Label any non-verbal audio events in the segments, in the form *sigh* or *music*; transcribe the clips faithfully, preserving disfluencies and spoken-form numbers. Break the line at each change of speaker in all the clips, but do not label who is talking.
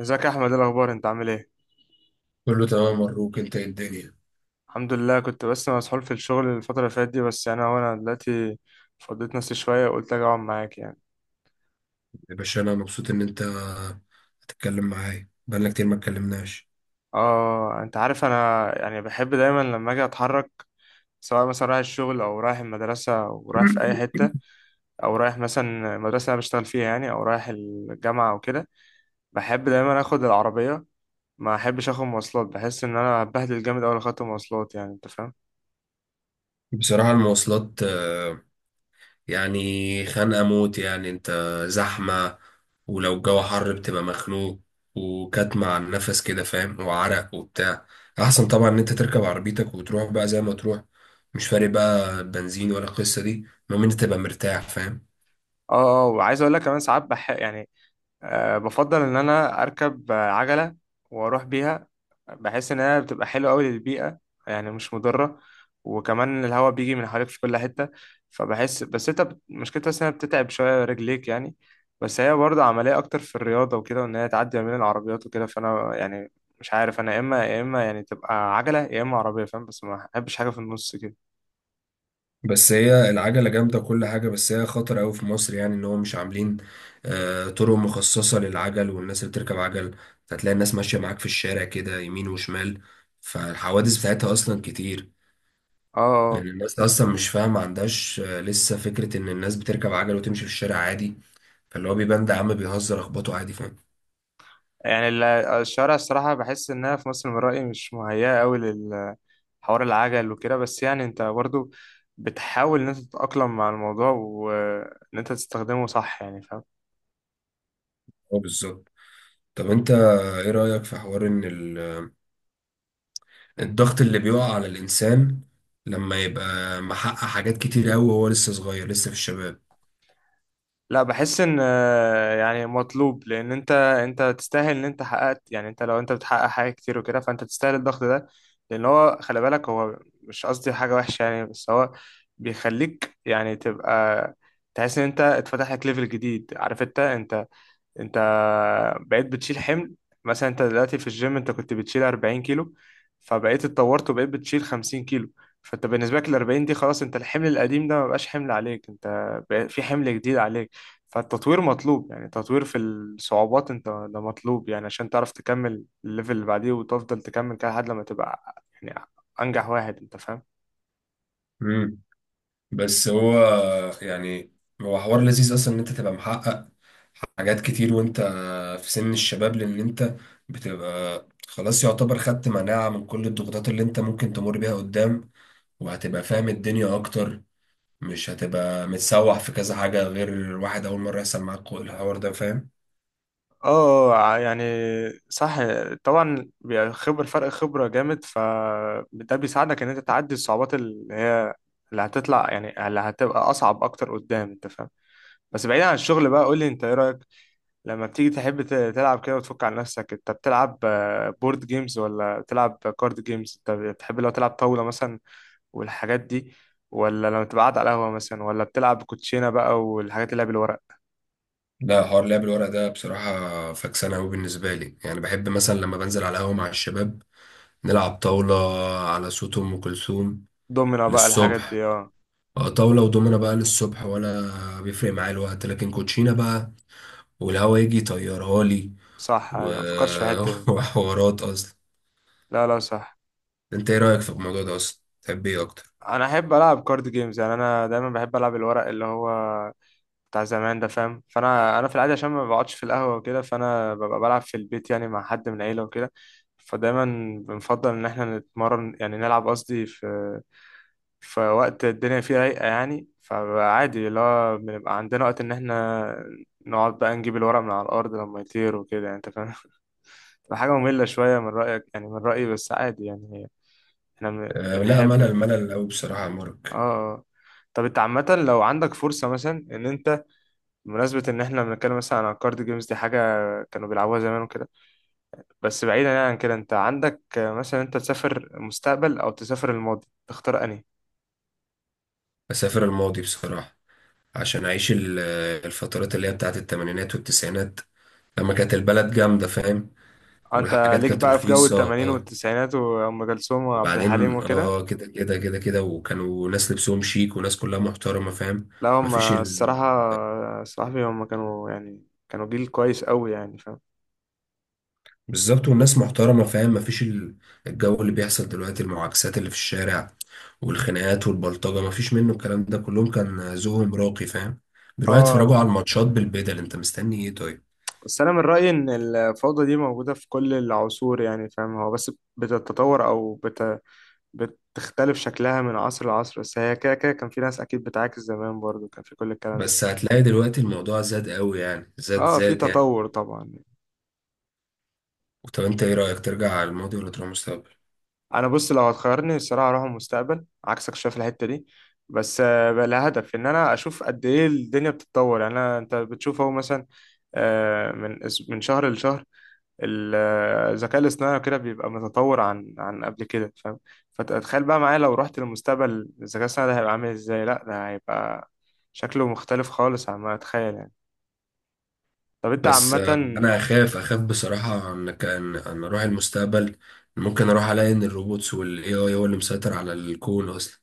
ازيك يا احمد؟ ايه الاخبار؟ انت عامل ايه؟
كله تمام. مبروك. انت ايه الدنيا؟
الحمد لله. كنت بس مسحول في الشغل الفتره اللي فاتت دي، بس يعني هو انا دلوقتي فضيت نفسي شويه وقلت اجي اقعد معاك يعني.
يا باشا، انا مبسوط ان انت هتتكلم معايا. بقالنا كتير ما اتكلمناش.
اه انت عارف انا يعني بحب دايما لما اجي اتحرك، سواء مثلا رايح الشغل او رايح المدرسه او رايح في اي حته، او رايح مثلا المدرسه اللي انا بشتغل فيها يعني، او رايح الجامعه او كده. بحب دايما اخد العربيه، ما احبش اخد مواصلات، بحس ان انا بهدل جامد اول خدت مواصلات يعني، انت فاهم؟
بصراحة المواصلات آه، يعني خانقة موت، يعني انت زحمة. ولو الجو حر بتبقى مخنوق وكاتمة على النفس كده، فاهم، وعرق وبتاع. احسن طبعا ان انت تركب عربيتك وتروح بقى زي ما تروح. مش فارق بقى بنزين ولا القصة دي، المهم ان انت تبقى مرتاح، فاهم.
اه اه وعايز اقول لك كمان ساعات بح يعني، أه بفضل إن أنا أركب آه، عجلة وأروح بيها. بحس إن هي بتبقى حلوة أوي للبيئة، يعني مش مضرة، وكمان الهواء بيجي من حواليك في كل حتة. فبحس بس أنت بت- مشكلتها بس إنها بتتعب شوية رجليك يعني، بس هي برضه عملية أكتر في الرياضة وكده، وإن هي تعدي ما بين العربيات وكده. فأنا يعني مش عارف أنا، يا إما يا إما يعني تبقى عجلة يا إما عربية، فاهم؟ بس ما أحبش حاجة في النص كده.
بس هي العجلة جامدة كل حاجة، بس هي خطر أوي في مصر، يعني إن هو مش عاملين آه، طرق مخصصة للعجل والناس اللي بتركب عجل. هتلاقي الناس ماشية معاك في الشارع كده يمين وشمال، فالحوادث بتاعتها أصلا كتير.
اه
لأن
آه.
الناس أصلا مش فاهمة، ما عندهاش آه، لسه فكرة إن الناس بتركب عجل وتمشي في الشارع عادي، فاللي هو بيبان ده عم بيهزر أخبطه عادي، فاهم.
يعني ال- الشوارع الصراحة بحس إنها في مصر من رأيي مش مهيئة أوي للحوار العجل وكده، بس يعني أنت برضو بتحاول إن أنت تتأقلم مع الموضوع وإن أنت تستخدمه صح يعني، فاهم؟
هو بالظبط. طب أنت إيه رأيك في حوار إن ال-
مم.
الضغط اللي بيقع على الإنسان لما يبقى محقق حاجات كتير أوي وهو لسه صغير، لسه في الشباب؟
لا بحس إن آه، يعني مطلوب، لأن أنت أنت تستاهل إن أنت حققت. يعني أنت لو أنت بتحقق حاجة كتير وكده فأنت تستاهل الضغط ده، لأن هو خلي بالك، هو مش قصدي حاجة وحشة يعني، بس هو بيخليك يعني تبقى تحس إن أنت اتفتح لك ليفل جديد. عارف أنت أنت انت بقيت بتشيل حمل. مثلا انت دلوقتي في الجيم انت كنت بتشيل أربعين كيلو، فبقيت اتطورت وبقيت بتشيل خمسين كيلو، فانت بالنسبه لك ال أربعين دي خلاص، انت الحمل القديم ده ما بقاش حمل عليك، انت بقى في حمل جديد عليك. فالتطوير مطلوب، يعني تطوير في الصعوبات انت ده مطلوب يعني، عشان تعرف تكمل الليفل اللي بعديه وتفضل تكمل كده لحد لما تبقى يعني انجح واحد، انت فاهم؟
مم. بس هو، يعني، هو حوار لذيذ اصلا ان انت تبقى محقق حاجات كتير وانت في سن الشباب، لان انت بتبقى خلاص يعتبر خدت مناعة من كل الضغوطات اللي انت ممكن تمر بيها قدام، وهتبقى فاهم الدنيا اكتر. مش هتبقى متسوح في كذا حاجة غير واحد اول مرة يحصل معاك الحوار ده، فاهم.
اه ع- يعني صح. طبعا بيبقى خبر فرق خبرة جامد، فده بيساعدك ان انت تعدي الصعوبات اللي هي اللي هتطلع، يعني اللي هتبقى اصعب اكتر قدام، انت فاهم؟ بس بعيدا عن الشغل بقى، قول لي انت ايه رأيك لما بتيجي تحب ت- تلعب كده وتفك عن نفسك، انت بتلعب بورد جيمز ولا بتلعب كارد جيمز؟ انت بتحب لو تلعب طاولة مثلا والحاجات دي؟ ولا لما تبقى قاعد على القهوة مثلا ولا بتلعب كوتشينة بقى والحاجات اللي هي بالورق؟
لا، حوار لعب الورق ده بصراحة فكسانة أوي بالنسبة لي. يعني بحب مثلا لما بنزل على القهوة مع الشباب نلعب طاولة على صوت أم كلثوم
دومينو بقى الحاجات
للصبح.
دي، اه.
آه، طاولة ودومنة بقى للصبح، ولا بيفرق معايا الوقت. لكن كوتشينة بقى والهوا يجي يطيرها لي
صح
و...
ايوه، مفكرش في الحتة دي.
*laughs* وحوارات أصلا.
لا لا صح.
أنت إيه رأيك في الموضوع ده أصلا؟ تحب إيه أكتر؟
انا احب العب كارد جيمز، يعني انا دايما بحب العب الورق اللي هو بتاع زمان ده، فاهم؟ فانا انا في العاده عشان ما بقعدش في القهوه وكده، فانا ببقى بلعب في البيت يعني مع حد من العيله وكده. فدايما بنفضل ان احنا نتمرن، يعني نلعب قصدي في في وقت الدنيا فيه رايقه يعني. فعادي اللي هو بنبقى عندنا وقت ان احنا نقعد بقى نجيب الورق من على الارض لما يطير وكده يعني، انت فاهم؟ *laughs* تبقى حاجه ممله شويه من رايك يعني، من رايي بس عادي يعني، احنا
أه لا،
بنحب.
ملل ملل أوي بصراحة يا مارك.
اه طب انت عامة لو عندك فرصة، مثلا ان انت بمناسبة ان احنا بنتكلم مثلا عن الكارد جيمز دي، حاجة كانوا بيلعبوها زمان وكده، بس بعيدا يعني عن كده، انت عندك مثلا انت تسافر المستقبل او تسافر الماضي، تختار انهي؟
أسافر الماضي بصراحة، عشان أعيش ال- آه، الفترات اللي هي بتاعت التمانينات والتسعينات لما كانت البلد جامدة، فاهم.
آه، انت
والحاجات
ليك
كانت
بقى في جو
رخيصة،
التمانين والتسعينات وام كلثوم وعبد الحليم
وبعدين
وكده.
اه كده كده كده كده، وكانوا ناس لبسهم شيك وناس كلها محترمة، فاهم.
لا هم
مفيش.
الصراحة صاحبي، هم كانوا يعني كانوا جيل كويس قوي يعني، فاهم؟
بالظبط، والناس محترمة، فاهم. مفيش ال- الجو اللي بيحصل دلوقتي، المعاكسات اللي في الشارع والخناقات والبلطجة، مفيش منه الكلام ده. كلهم كان ذوقهم راقي، فاهم. بيروحوا يتفرجوا
اه
على الماتشات بالبدل، انت مستني ايه طيب.
بس انا من رايي ان الفوضى دي موجوده في كل العصور يعني، فاهم؟ هو بس بتتطور او بت بتختلف شكلها من عصر لعصر، بس هي كده كده كان في ناس اكيد بتعاكس زمان، برضو كان في كل الكلام ده.
بس هتلاقي دلوقتي الموضوع زاد قوي، يعني زاد
اه في
زاد، يعني.
تطور طبعا.
طب انت ايه رأيك؟ ترجع على الماضي ولا تروح المستقبل؟
انا بص لو هتخيرني الصراحه اروح المستقبل، عكسك شايف الحته دي، بس آه، بقى لها هدف ان انا اشوف قد ايه الدنيا بتتطور يعني. انا انت بتشوف اهو مثلا، آه، من أس- من شهر لشهر ال- آه، الذكاء الاصطناعي كده بيبقى متطور عن عن قبل كده، فاهم؟ فتخيل بقى معايا لو رحت للمستقبل، الذكاء الاصطناعي ده هيبقى عامل ازاي؟ لا ده هيبقى شكله مختلف خالص عما اتخيل يعني. طب انت
بس آه،
عامة
انا اخاف اخاف بصراحة ان كان ان اروح المستقبل، ممكن اروح الاقي ان الروبوتس والاي اي هو اللي مسيطر على الكون اصلا.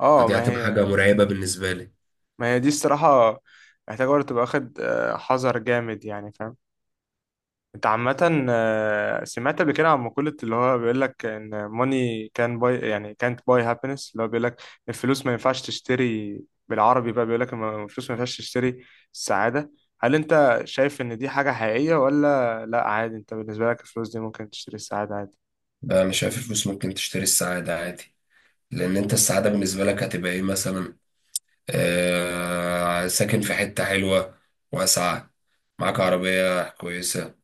اه.
فدي
ما
هتبقى
هي
حاجة مرعبة بالنسبة لي.
ما هي دي الصراحة محتاجة برضه تبقى واخد آه، حذر جامد يعني، فاهم؟ انت عامة آه، سمعت قبل كده عن مقولة اللي هو بيقول لك ان money can buy يعني can't buy happiness، اللي هو بيقول لك الفلوس ما ينفعش تشتري. بالعربي بقى بيقول لك الفلوس ما ينفعش تشتري السعادة. هل انت شايف ان دي حاجة حقيقية، ولا لا عادي انت بالنسبة لك الفلوس دي ممكن تشتري السعادة عادي؟
انا شايف الفلوس ممكن تشتري السعاده عادي. لان انت السعاده بالنسبه لك هتبقى ايه مثلا؟ آه، ساكن في حته حلوه واسعه، معاك عربيه كويسه،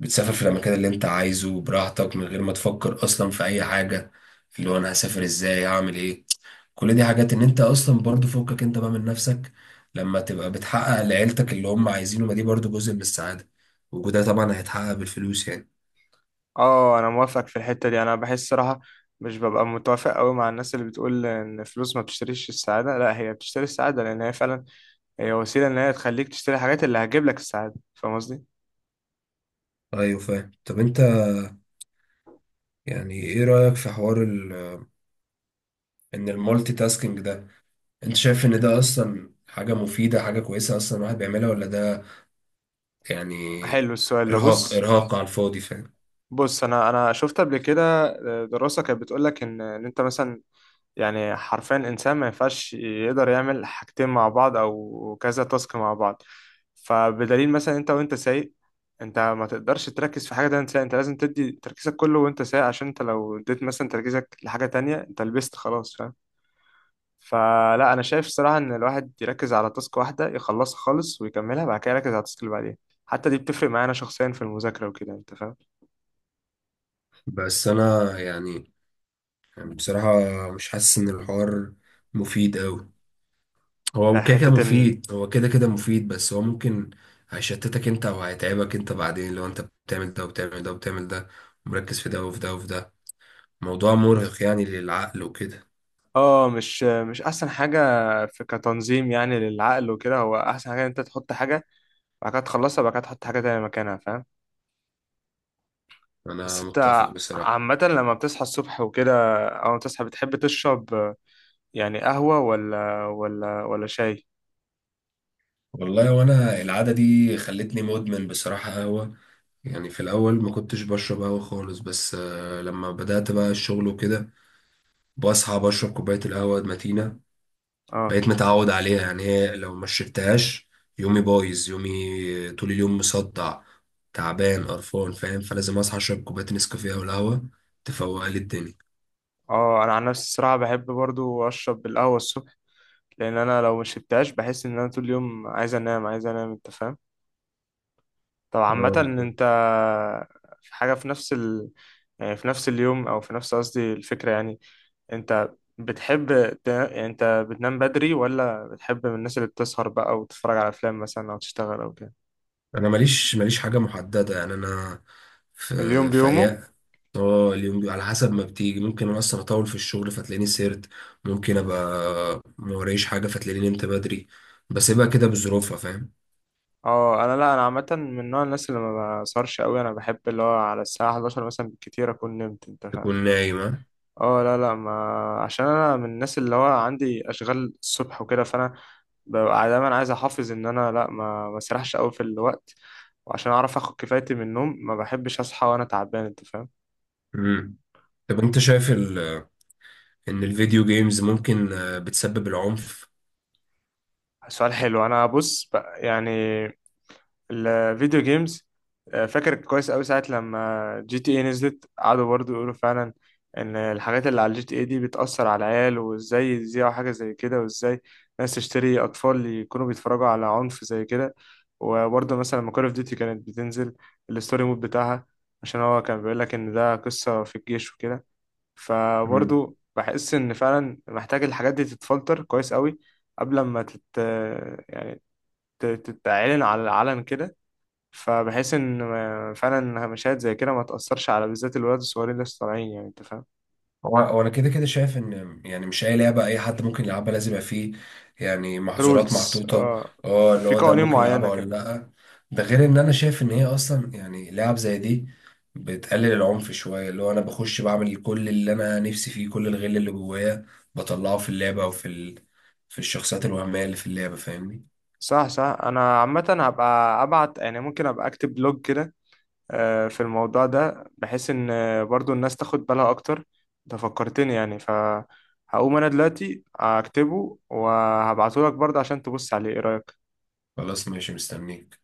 بتسافر في الاماكن اللي انت عايزه براحتك من غير ما تفكر اصلا في اي حاجه، اللي هو انا هسافر ازاي، هعمل ايه. كل دي حاجات ان انت اصلا برضو فوقك انت بقى من نفسك. لما تبقى بتحقق لعيلتك اللي هم عايزينه، ما دي برضو جزء من السعاده، وده طبعا هيتحقق بالفلوس يعني.
اه انا موافق في الحتة دي. انا بحس صراحة مش ببقى متوافق قوي مع الناس اللي بتقول ان الفلوس ما بتشتريش السعادة. لا، هي بتشتري السعادة، لان هي فعلا هي وسيلة ان هي تخليك تشتري الحاجات اللي هتجيب لك السعادة، فاهم قصدي؟
ايوه، فاهم. طب انت يعني ايه رأيك في حوار ان المالتي تاسكينج ده، انت شايف ان ده اصلا حاجة مفيدة، حاجة كويسة اصلا الواحد بيعملها؟ ولا ده يعني
حلو السؤال ده،
ارهاق
بص.
ارهاق على الفاضي، فاهم؟
بص انا انا شفت قبل كده آه، دراسة كانت بتقول لك ان ان انت مثلا يعني حرفيا الإنسان ما ينفعش يقدر يعمل حاجتين مع بعض أو كذا تاسك مع بعض. فبدليل مثلا أنت وأنت سايق، أنت ما تقدرش تركز في حاجة تانية سايق، أنت لازم تدي تركيزك كله وأنت سايق، عشان أنت لو اديت مثلا تركيزك لحاجة تانية أنت لبست خلاص، فاهم؟ فلا أنا شايف الصراحة إن الواحد يركز على تاسك واحدة يخلصها خالص، ويكملها بعد كده يركز على التاسك اللي بعدين. حتى دي بتفرق معانا شخصيا في المذاكرة وكده، أنت فاهم؟
بس انا يعني يعني بصراحة، مش حاسس ان الحوار مفيد قوي.
في
هو كده كده
حتة إن
مفيد، هو كده كده مفيد، بس هو ممكن هيشتتك انت او هيتعبك انت بعدين لو انت بتعمل ده وبتعمل ده وبتعمل ده، ومركز في ده وفي ده وفي ده، موضوع مرهق يعني للعقل وكده.
اه مش مش احسن حاجه في كتنظيم يعني للعقل وكده. هو احسن حاجه إن انت تحط حاجه بعد كده تخلصها، بعد كده تحط حاجه تانية مكانها، فاهم؟ بس
انا متفق
انت
بصراحة.
عامه لما بتصحى الصبح وكده او تصحى، بتحب تشرب آه، يعني قهوه ولا ولا ولا شاي؟
والله وانا العاده دي خلتني مدمن بصراحه قهوه. يعني في الاول ما كنتش بشرب قهوه خالص، بس آه، لما بدات بقى الشغل وكده بصحى بشرب كوبايه القهوه المتينه.
اه
بقيت متعود عليها. يعني هي لو ما شربتهاش، يومي بايظ، يومي طول اليوم مصدع تعبان قرفان، فاهم. فلازم اصحى اشرب كوبايه نسكافيه او القهوه تفوق لي الدنيا.
اه انا عن نفسي الصراحه بحب برضو اشرب القهوه الصبح، لان انا لو ما شربتهاش بحس ان انا طول اليوم عايز انام، عايز انام، انت فاهم؟ طب عامه
اه، بالظبط.
انت في حاجه في نفس ال... يعني في نفس اليوم او في نفس قصدي الفكره يعني، انت بتحب ت... انت بتنام بدري ولا بتحب من الناس اللي بتسهر بقى وتتفرج على افلام مثلا او تشتغل او كده؟
انا ماليش ماليش حاجه محدده. يعني انا في
اليوم
في
بيومه.
ايام. اه، اليوم بي- على حسب ما بتيجي. ممكن انا اصلا اطول في الشغل فتلاقيني سهرت، ممكن ابقى ما ورايش حاجه فتلاقيني نمت بدري. بسيبها كده بظروفها، فاهم.
اه انا لا، انا عامه من نوع الناس اللي ما بسهرش قوي. انا بحب اللي هو على الساعه حداشر مثلا بالكتير اكون نمت، انت فاهم؟
تكون نايمه.
اه لا لا ما عشان انا من الناس اللي هو عندي اشغال الصبح وكده، فانا ببقى دايما عايز احافظ ان انا لا ما ما اسرحش قوي في الوقت، وعشان اعرف اخد كفايتي من النوم، ما بحبش اصحى وانا تعبان، انت فاهم؟
امم طب انت شايف ال... ان الفيديو جيمز ممكن آه، بتسبب العنف؟
سؤال حلو. انا بص بقى يعني الفيديو جيمز، آه، فاكر كويس قوي ساعة لما جي تي اي نزلت، قعدوا برضو يقولوا فعلا ان الحاجات اللي على الجي تي اي دي بتأثر على العيال، وازاي يذيعوا حاجة زي كده، وازاي ناس تشتري اطفال يكونوا بيتفرجوا على عنف زي كده. وبرضه مثلا لما كول اوف ديوتي كانت بتنزل الستوري مود بتاعها، عشان هو كان بيقول لك ان ده قصة في الجيش وكده، فبرضه بحس ان فعلا محتاج الحاجات دي تتفلتر كويس قوي قبل ما تت يعني تت- تتعلن على العلن كده، فبحيث ان ما- فعلا مشاهد زي كده ما تأثرش على بالذات الولاد الصغيرين اللي لسه طالعين يعني، انت فاهم؟
هو هو انا كده كده شايف ان يعني مش اي لعبه اي حد ممكن يلعبها، لازم يبقى فيه يعني محظورات
رولز
محطوطه.
اه،
اه، اللي
في
هو ده
قوانين
ممكن
معينة
يلعبها ولا
كده.
لا. ده غير ان انا شايف ان هي اصلا يعني لعب زي دي بتقلل العنف شويه. اللي هو انا بخش بعمل كل اللي انا نفسي فيه، كل الغل اللي جوايا بطلعه في اللعبه او في ال... في الشخصيات الوهميه اللي في اللعبه، فاهمني.
صح صح انا عامة هبقى ابعت يعني، ممكن ابقى اكتب بلوج كده آه، في الموضوع ده، بحيث ان آه، برضو الناس تاخد بالها اكتر. انت فكرتني يعني، فهقوم انا دلوقتي اكتبه وهبعته لك برضه عشان تبص عليه ايه رأيك.
خلاص، ماشي، مستنيك.